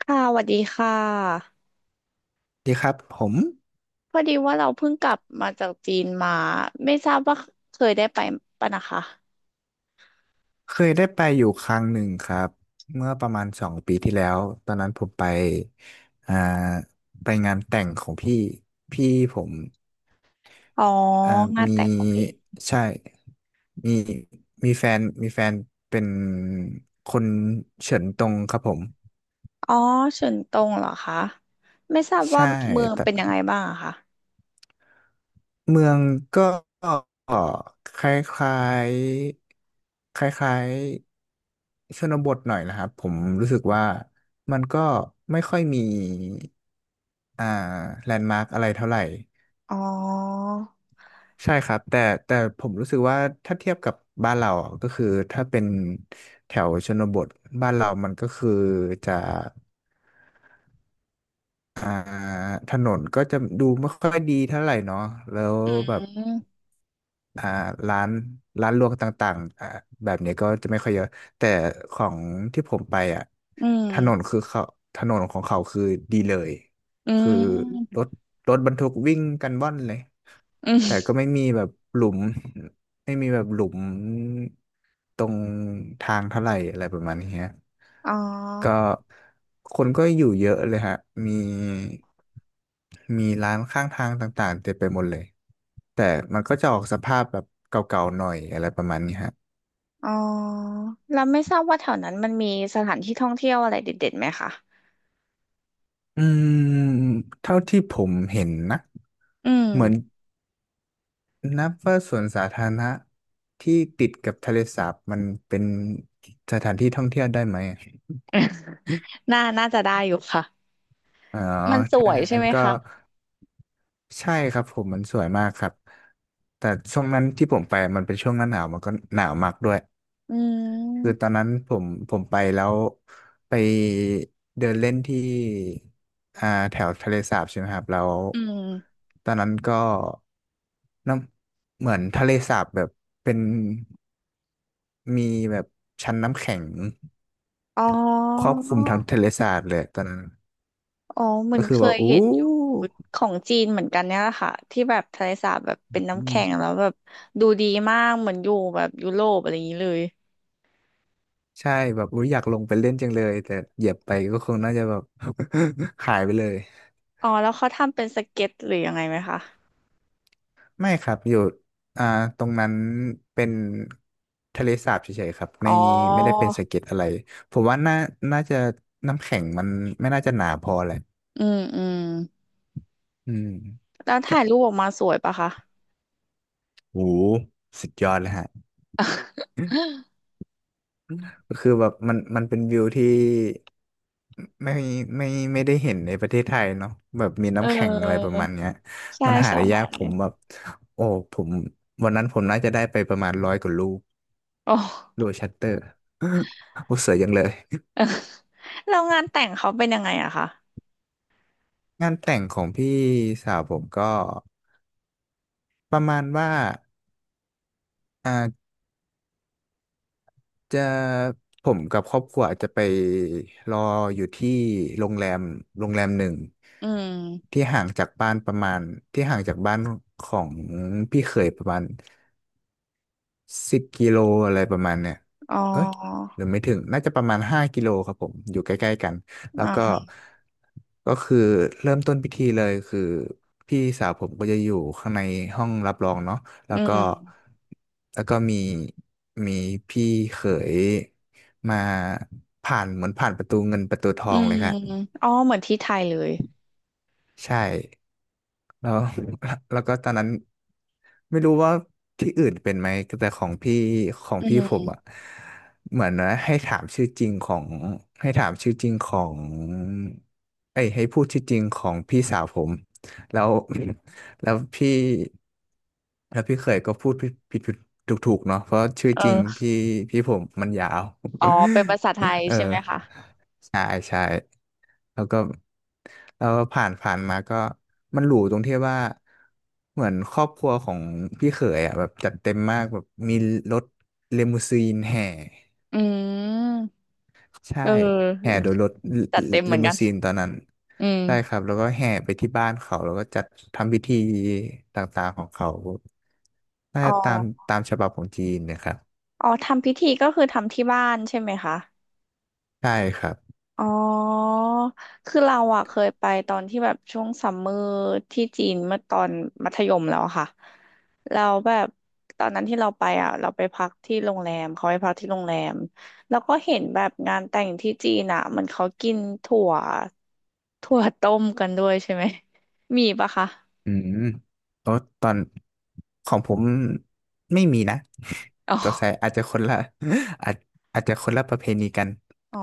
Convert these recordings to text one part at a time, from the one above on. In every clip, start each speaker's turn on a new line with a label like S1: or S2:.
S1: ค่ะสวัสดีค่ะ
S2: ดีครับผม
S1: พอดีว่าเราเพิ่งกลับมาจากจีนมา ไม่ทราบว่าเคยได้ไปปะนะคะ
S2: เคยได้ไปอยู่ครั้งหนึ่งครับเมื่อประมาณ2 ปีที่แล้วตอนนั้นผมไปอ่าไปงานแต่งของพี่ผม
S1: อ๋อ
S2: อ่า
S1: งาน
S2: มี
S1: แต่งของพี่
S2: ใช่มีมีแฟนเป็นคนเฉินตงครับผม
S1: อ๋อเฉินตงเหรอคะไม่ทราบว่า
S2: ใช่
S1: เมือง
S2: แต่
S1: เป็นยังไงบ้างอะคะ
S2: เมืองก็คล้ายๆคล้ายๆชนบทหน่อยนะครับผมรู้สึกว่ามันก็ไม่ค่อยมีอ่าแลนด์มาร์กอะไรเท่าไหร่
S1: อ๋อ
S2: ใช่ครับแต่ผมรู้สึกว่าถ้าเทียบกับบ้านเราอ่ะก็คือถ้าเป็นแถวชนบทบ้านเรามันก็คือจะอ่าถนนก็จะดูไม่ค่อยดีเท่าไหร่เนาะแล้ว
S1: อื
S2: แบบ
S1: ม
S2: อ่าร้านร้านรวงต่างๆอ่าแบบนี้ก็จะไม่ค่อยเยอะแต่ของที่ผมไปอ่ะ
S1: อื
S2: ถนน
S1: ม
S2: คือเขาถนนของเขาคือดีเลย
S1: อื
S2: คือ
S1: ม
S2: รถรถบรรทุกวิ่งกันว่อนเลย
S1: อื
S2: แต่ก็
S1: ม
S2: ไม่มีแบบหลุม ไม่มีแบบหลุมตรงทางเท่าไหร่อะไรประมาณนี้ฮะ
S1: อ๋
S2: ก็
S1: อ
S2: คนก็อยู่เยอะเลยฮะมีมีร้านข้างทางต่างๆเต็มไปหมดเลยแต่มันก็จะออกสภาพแบบเก่าๆหน่อยอะไรประมาณนี้ฮะ
S1: อ๋อแล้วไม่ทราบว่าแถวนั้นมันมีสถานที่ท่องเที่ยวอะไรเด็ดๆไหมคะ
S2: อืมเท่าที่ผมเห็นนะ
S1: อืม
S2: เหมือนนับว่าสวนสาธารณะที่ติดกับทะเลสาบมันเป็นสถานที่ท่องเที่ยวได้ไหมอะ
S1: น่าจะได้อยู่ค่ะ
S2: อ๋อ
S1: มันส
S2: ถ้า
S1: วยใช่
S2: งั้น
S1: ไหม
S2: ก็
S1: คะ
S2: ใช่ครับผมมันสวยมากครับแต่ช่วงนั้นที่ผมไปมันเป็นช่วงหน้าหนาวมันก็หนาวมากด้วย
S1: อื
S2: คือตอน
S1: ม
S2: นั้นผมไปแล้วไปเดินเล่นที่แถวทะเลสาบใช่ไหมครับแล้ว
S1: อืม
S2: ตอนนั้นก็น้ำเหมือนทะเลสาบแบบเป็นมีแบบชั้นน้ำแข็ง
S1: อ๋
S2: ครอ
S1: อ
S2: บคลุมทั้งทะเลสาบเลยตอนนั้น
S1: อ๋อเหมือ
S2: ก็
S1: น
S2: คื
S1: เค
S2: อว่า
S1: ย
S2: อู้
S1: เห็นอยู่ของจีนเหมือนกันเนี่ยแหละค่ะที่แบบทะเลสาบแบบเป็นน้ำแข็งแล้วแบบดูดีมากเหมือนอยู่แบบยุโรปอะไรอย่างนี้เลย
S2: ใช่แบบอุ๊ยอยากลงไปเล่นจังเลยแต่เหยียบไปก็คงน่าจะแบบ หายไปเลย
S1: อ๋อแล้วเขาทำเป็นสเก็ตหรือยังไงไหมคะ
S2: ไม่ครับอยู่อ่าตรงนั้นเป็นทะเลสาบเฉยๆครับ
S1: อ๋อ
S2: ไม่ได้เป็นสะเก็ดอะไรผมว่าน่าจะน้ำแข็งมันไม่น่าจะหนาพอแหละ
S1: อืมอืม
S2: อืม
S1: แล้ว
S2: ถ้า
S1: ถ่ายรูปออกมาสวยปะคะ
S2: โหสุดยอดเลยฮะ ก็คือแบบมันมันเป็นวิวที่ไม่ไม่ไม่ได้เห็นในประเทศไทยเนาะแบบมี
S1: เ
S2: น้ำแข็งอะไรป
S1: อ
S2: ระ
S1: อ
S2: มาณเนี้ย
S1: ใช่
S2: มันหา
S1: ใช่
S2: ได้ยากผมแบบโอ้ผมวันนั้นผมน่าจะได้ไปประมาณ100 กว่าลูก
S1: โอ้
S2: โดยชัตเตอร์ โอ้เสวยยังเลย
S1: แล้วงานแต่งเขาเป็นยังไงอะคะ
S2: งานแต่งของพี่สาวผมก็ประมาณว่าอ่า จะผมกับครอบครัวอาจจะไปรออยู่ที่โรงแรมโรงแรมหนึ่ง
S1: อืม
S2: ที่ห่างจากบ้านประมาณที่ห่างจากบ้านของพี่เขยประมาณ 10 กิโลอะไรประมาณเนี่ย
S1: อ๋อ
S2: เอ้ยหรือไม่ถึง น่าจะประมาณ5 กิโลครับผม อยู่ใกล้ๆกัน แล้ว
S1: อ่า
S2: ก็
S1: ฮะ
S2: ก็คือเริ่มต้นพิธีเลยคือพี่สาวผมก็จะอยู่ข้างในห้องรับรองเนาะแล้
S1: อื
S2: วก็
S1: ม
S2: แล้วก็มีพี่เขยมาผ่านเหมือนผ่านประตูเงินประตูทอ
S1: อื
S2: งเล
S1: ม
S2: ยครับ
S1: อ๋อเหมือนที่ไทยเลย
S2: ใช่ แล้ว แล้วก็ตอนนั้นไม่รู้ว่าที่อื่นเป็นไหมแต่ของ
S1: อื
S2: พี่ผมอ่ะ
S1: ม
S2: เหมือนว่าให้ถามชื่อจริงของเอ้ยให้พูดชื่อจริงของพี่สาวผมแล้ว แล้วพี่แล้วพี่เขยก็พูดผิดผิดถูกถูกๆเนาะเพราะชื่อ
S1: เอ
S2: จริง
S1: อ
S2: พี่ผมมันยาว
S1: อ๋อเป็นภาษาไทย ใช่
S2: เออ
S1: ไหมคะ
S2: แล้วก็แล้วผ่านผ่านมาก็มันหรูตรงที่ว่าเหมือนครอบครัวของพี่เขยอ่ะแบบจัดเต็มมากแบบมีรถเลมูซีนแห่
S1: อืม
S2: ใช่
S1: เ
S2: แห่
S1: ออ
S2: โดยรถ
S1: จัดเต็มเห
S2: เล
S1: มือน
S2: มู
S1: กัน
S2: ซีนตอนนั้น
S1: อืม
S2: ใช่ครับแล้วก็แห่ไปที่บ้านเขาแล้วก็จัดทำพิธีต่างๆของเขาน่า
S1: อ๋
S2: จะ
S1: อ
S2: ตามฉบับของจีนนะครับ
S1: อ๋อทำพิธีก็คือทำที่บ้านใช่ไหมคะ
S2: ใช่ครับ
S1: อ๋อคือเราอะเคยไปตอนที่แบบช่วงซัมเมอร์ที่จีนเมื่อตอนมัธยมแล้วอะค่ะเราแบบตอนนั้นที่เราไปอะเราไปพักที่โรงแรมเขาไปพักที่โรงแรมแล้วก็เห็นแบบงานแต่งที่จีนอะเหมันเขากินถั่ว ถั่วต้มกันด้วยใช่ไหมมีปะคะ
S2: อืมโอ้ตอนของผมไม่มีนะ
S1: อ๋อ
S2: สงสัยอาจจะคนละ อาจอาจจะคนละประเพณีกัน
S1: อ๋อ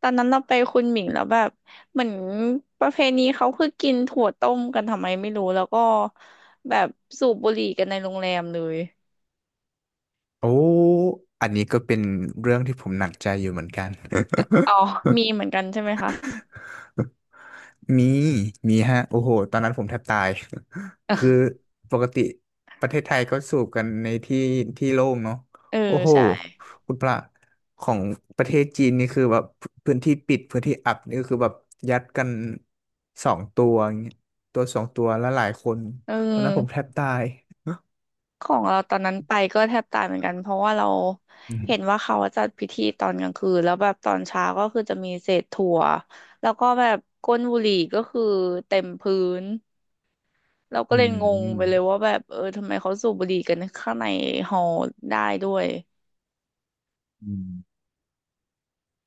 S1: ตอนนั้นเราไปคุณหมิงแล้วแบบเหมือนประเพณีเขาคือกินถั่วต้มกันทำไมไม่รู้แล้วก็แบบสูบบุหรี่กันในโรงแรมเลย
S2: โอ้อันนี้ก็เป็นเรื่องที่ผมหนักใจอยู่เหมือนกัน
S1: อ๋อ มีเหมือนกันใช่ไหมคะ
S2: มีมีฮะโอ้โหตอนนั้นผมแทบตาย คือ ปกติประเทศไทยก็สูบกันในที่ที่โล่งเนาะ
S1: เออ
S2: โอ้โห
S1: ใช่
S2: คุณพระของประเทศจีนนี่คือแบบพื้นที่ปิดพื้นที่อับนี่ก็คือแบบยัดกันสองตัวอย่างเงี้ยตัวสองตัวแล้วหลายคน
S1: เ
S2: ตอนนั้นผ
S1: อ
S2: มแท
S1: อ
S2: บตาย
S1: ของเราตอนนั้นไปก็แทบตายเหมือนกันเพราะว่าเรา
S2: อื
S1: เห็น
S2: ม
S1: ว่าเขาจัดพิธีตอนกลางคืนแล้วแบบตอนเช้าก็คือจะมีเศษถั่วแล้วก็แบบก้นบุหรี่ก็คือเต็มพื้น เราก็
S2: อื
S1: เลยงงไปเล
S2: ม
S1: ยว่าแบบเออทำไมเขาสูบบุหรี่กันข้างในฮอได้ด้วย
S2: อืม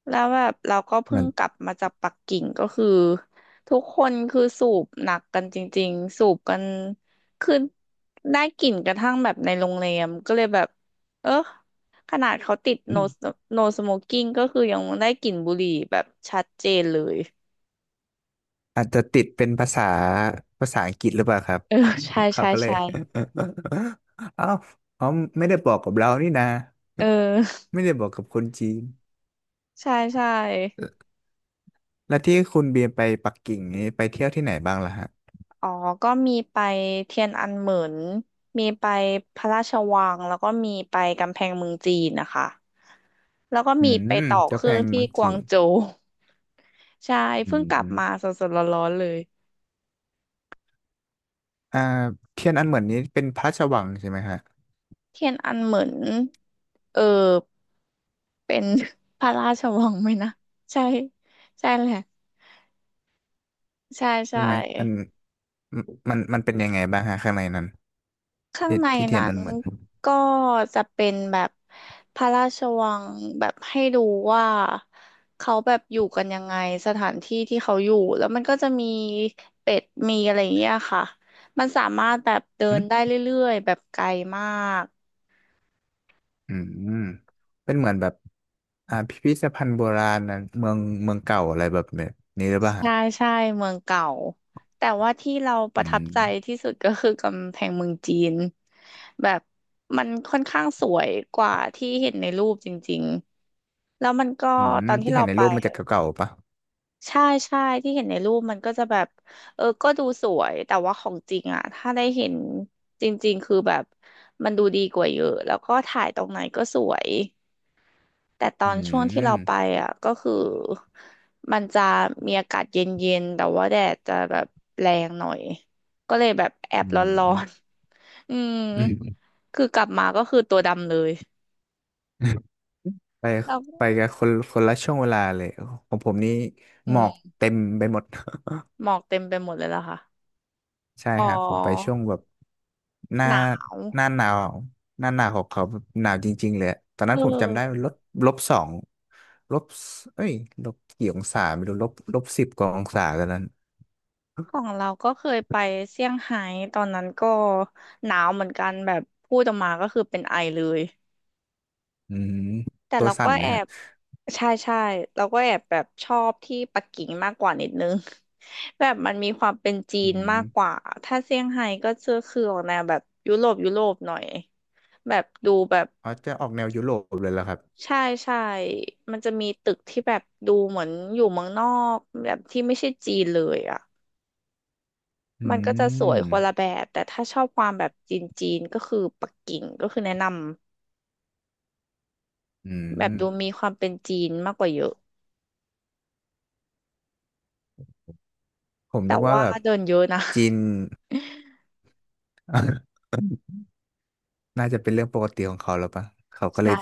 S1: แล้วแบบเราก็
S2: เห
S1: เพิ่
S2: มื
S1: ง
S2: อน
S1: กลับมาจากปักกิ่งก็คือทุกคนคือสูบหนักกันจริงๆสูบกันคือได้กลิ่นกระทั่งแบบในโรงแรมก็เลยแบบเออขนาดเขาติด
S2: อ
S1: no
S2: ม
S1: no smoking ก็คือยังได้กลิ่นบุหรี่แบบชัดเจนเลย
S2: อาจจะติดเป็นภาษาอังกฤษหรือเปล่าครับ
S1: เออใช่
S2: เขา
S1: ใช่
S2: ก็เลย
S1: ใช่
S2: เอ้าเขาไม่ได้บอกกับเรานี่นะ
S1: เออ
S2: ไม่ได้บอกกับคนจีน
S1: ใช่ใช่
S2: แล้วที่คุณเบียร์ไปปักกิ่งนี้ไปเที่ยวที่ไหนบ้างล่ะฮะ
S1: อ๋อก็มีไปเทียนอันเหมินมีไปพระราชวังแล้วก็มีไปกำแพงเมืองจีนนะคะแล้วก็
S2: อื
S1: มีไป
S2: ม
S1: ต่อเค
S2: เจ้าแพ
S1: รื่อง
S2: ง
S1: ที่
S2: เมือง
S1: ก
S2: จี
S1: วาง
S2: น
S1: โจว ใช่
S2: อื
S1: เพิ่ง
S2: ม
S1: กลับ
S2: อืม
S1: มาสดๆร้อนๆเลย
S2: อ่าเทียนอันเหมือนนี้เป็นพระราชวังใช่ไหมฮะ
S1: เทียนอันเหมินเออเป็น พระราชวังไหมนะใช่ใช่แหละใช่
S2: ใช่
S1: ใช่
S2: ไหมมันมันมันเป็นยังไงบ้างฮะข้างในนั้น
S1: ข้างใน
S2: ที่เทียน
S1: นั้
S2: อั
S1: น
S2: นเหมือน
S1: ก็จะเป็นแบบพระราชวังแบบให้ดูว่าเขาแบบอยู่กันยังไงสถานที่ที่เขาอยู่แล้วมันก็จะมีเป็ดมีอะไรอย่างเงี้ยค่ะมันสามารถแบบเดิ
S2: อื
S1: นได้
S2: ม
S1: เรื่อยๆแบบไกลมาก
S2: อืมเป็นเหมือนแบบพิพิธภัณฑ์โบราณนะเมืองเก่าอะไรแบบนี้หรือเปล่าฮะ
S1: ใช่ใช่เมืองเก่าแต่ว่าที่เราป
S2: อื
S1: ระทับ
S2: ม
S1: ใจที่สุดก็คือกำแพงเมืองจีนแบบมันค่อนข้างสวยกว่าที่เห็นในรูปจริงๆแล้วมันก็
S2: อื
S1: ต
S2: ม
S1: อนที่
S2: ที่เห็
S1: เรา
S2: นใน
S1: ไป
S2: รูปมันจะเก่าๆปะ
S1: ใช่ใช่ที่เห็นในรูปมันก็จะแบบเออก็ดูสวยแต่ว่าของจริงอ่ะถ้าได้เห็นจริงๆคือแบบมันดูดีกว่าเยอะแล้วก็ถ่ายตรงไหนก็สวยแต่ต
S2: อื
S1: อนช่วงที่เราไป
S2: ม
S1: อ่ะก็คือมันจะมีอากาศเย็นๆแต่ว่าแดดจะแบบแรงหน่อยก็เลยแบบแอบ
S2: อื
S1: ร้อน
S2: ม
S1: ๆ อืม
S2: อืม
S1: คือกลับมาก็คือตัวดำเลย
S2: ไป
S1: แล้ว
S2: ไปกับคนคนละช่วงเวลาเลยของผมนี่
S1: อื
S2: หมอก
S1: ม
S2: เต็มไปหมด
S1: หมอกเต็มไปหมดเลยล่ะค่ะ
S2: ใช่
S1: อ๋
S2: ฮะผมไป
S1: อ
S2: ช่วงแบบหน้า
S1: หนาว
S2: หน้าหนาวหน้าหนาวของเขาแบบหนาวจริงๆเลยอะตอน
S1: เอ
S2: นั้นผมจำได้
S1: อ
S2: -2ลบเอ้ยลบกี่องศาไม่รู้-10 กว่าองศาตอนนั้น
S1: ของเราก็เคยไป เซี่ยงไฮ้ตอนนั้นก็หนาวเหมือนกันแบบพูดออกมาก็คือเป็นไอเลย
S2: อืม
S1: แต่
S2: ตัว
S1: เรา
S2: สั่
S1: ก็
S2: นไหม
S1: แอ
S2: ฮะ
S1: บใช่ใช่เราก็แอบแบบชอบที่ปักกิ่งมากกว่านิดนึง แบบมันมีความเป็นจี
S2: อื
S1: น
S2: ม
S1: มากกว่าถ้าเซี่ยงไฮ้ก็จะคือออกแนวแบบยุโรปยุโรปหน่อยแบบดูแบบ
S2: อ๋อจะออกแนวยุโรปเลยเลรอครับ
S1: ใช่ใช่มันจะมีตึกที่แบบดูเหมือนอยู่เมืองนอกแบบที่ไม่ใช่จีนเลยอ่ะ
S2: อื
S1: มันก็จะสวย
S2: ม
S1: คนละแบบแต่ถ้าชอบความแบบจีนจีนก็คือปักกิ่งก็คือแนะนำ
S2: อื
S1: แบบ
S2: ม
S1: ดูมีความเป็นจีนมากกว่าเยอะ
S2: ผม
S1: แต่
S2: นึกว่า
S1: ว่า
S2: แบบ
S1: เดินเยอะนะ
S2: จีน น่าจะเป็นเรื่องปกติของเขาแล้วปะเขา ก็เล
S1: ใช่
S2: ย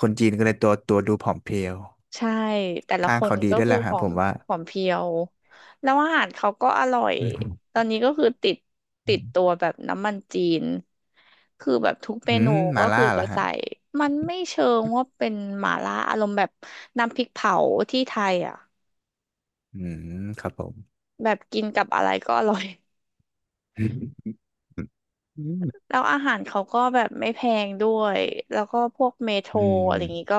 S2: คนจีนก็เลยตัวดูผอมเพรียว
S1: ใช่แต่ละ
S2: ทา
S1: ค
S2: ง
S1: น
S2: เขาดี
S1: ก็
S2: ด้วย
S1: คื
S2: แห
S1: อ
S2: ละ
S1: ผ
S2: ฮะ
S1: อ
S2: ผ
S1: ม
S2: มว่า
S1: ผอมเพรียวแล้วอาหารเขาก็อร่อย
S2: อืม
S1: ตอนนี้ก็คือติดตัวแบบน้ำมันจีนคือแบบทุกเม
S2: อื
S1: นู
S2: มมา
S1: ก็
S2: ล่า
S1: คือ
S2: เหร
S1: จะ
S2: อฮะ
S1: ใส่มันไม่เชิงว่าเป็นหม่าล่าอารมณ์แบบน้ำพริกเผาที่ไทยอ่ะ
S2: อืมครับผม
S1: แบบกินกับอะไรก็อร่อย
S2: อืม
S1: แล้วอาหารเขาก็แบบไม่แพงด้วย แล้วก็พวกเมโทร
S2: อื
S1: อะไรอย่างงี้
S2: ม
S1: ก็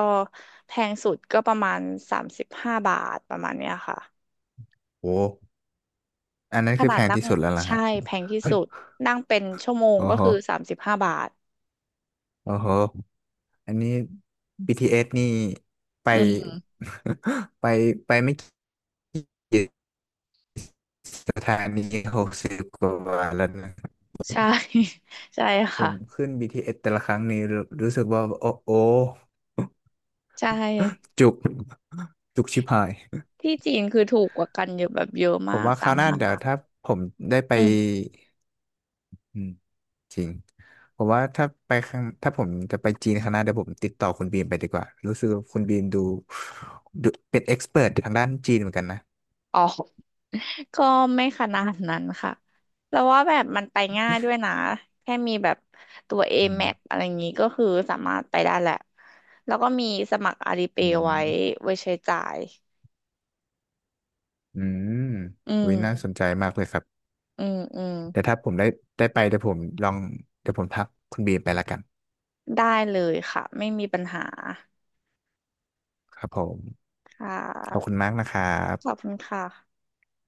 S1: แพงสุดก็ประมาณสามสิบห้าบาทประมาณเนี้ยค่ะ
S2: โอ้อันนั้น
S1: ข
S2: คือ
S1: นา
S2: แพ
S1: ด
S2: ง
S1: นั่ง
S2: ที่สุดแล้วล่ะ
S1: ใช่
S2: ฮะ
S1: แพงที่สุดนั่งเป็นชั่วโมง
S2: โอ้
S1: ก็
S2: โห
S1: คือสามสิบห้าบาท
S2: โอ้โหอันนี้ BTS นี่ไป
S1: อืม
S2: ไปไม่กี่ สถานี60 กว่าบาทแล้วนะครับ
S1: ใช่ ใช่
S2: ผ
S1: ค่ะ
S2: มขึ้น BTS แต่ละครั้งนี้รู้สึกว่าโอ้โอ
S1: ใช่
S2: จุกจุกชิบหาย
S1: ที่จีนคือถูกกว่ากันเยอะแบบเยอะ
S2: ผ
S1: มา
S2: ม
S1: ก
S2: ว่าค
S1: สา
S2: รา
S1: ม
S2: วหน้า
S1: ห้า
S2: เดี๋ยว
S1: บาท
S2: ถ้าผมได้ไป
S1: อืม
S2: อืมจริงผมว่าถ้าผมจะไปจีนครั้งหน้าเดี๋ยวผมติดต่อคุณบีมไปดีกว่ารู้สึกว่าคุณบีมดูเป็นเอ็กซ์เพรททางด้านจีนเหมือนกันนะ
S1: อ๋อ ก็ไม่ขนาดนั้นค่ะแล้วว่าแบบมันไปง่ายด้วยนะแค่มีแบบตัว
S2: อืม
S1: A-Map อแมพอะไรอย่างนี้ก็คือสามารถไปได้แหละแล้วก็มีสมัครอาลีเป
S2: อื
S1: ย์
S2: ม
S1: ไว้ใช้จ่าย
S2: อืม
S1: อืม
S2: วิน่าสนใจมากเลยครับ
S1: อืมอืม
S2: แต่ถ้าผมได้ไปเดี๋ยวผมลองเดี๋ยวผมทักคุณบีมไปละกัน
S1: ได้เลยค่ะไม่มีปัญหา
S2: ครับผม
S1: ค่ะ
S2: ขอบคุณมากนะครั
S1: ขอบ
S2: บ
S1: คุณค่ะ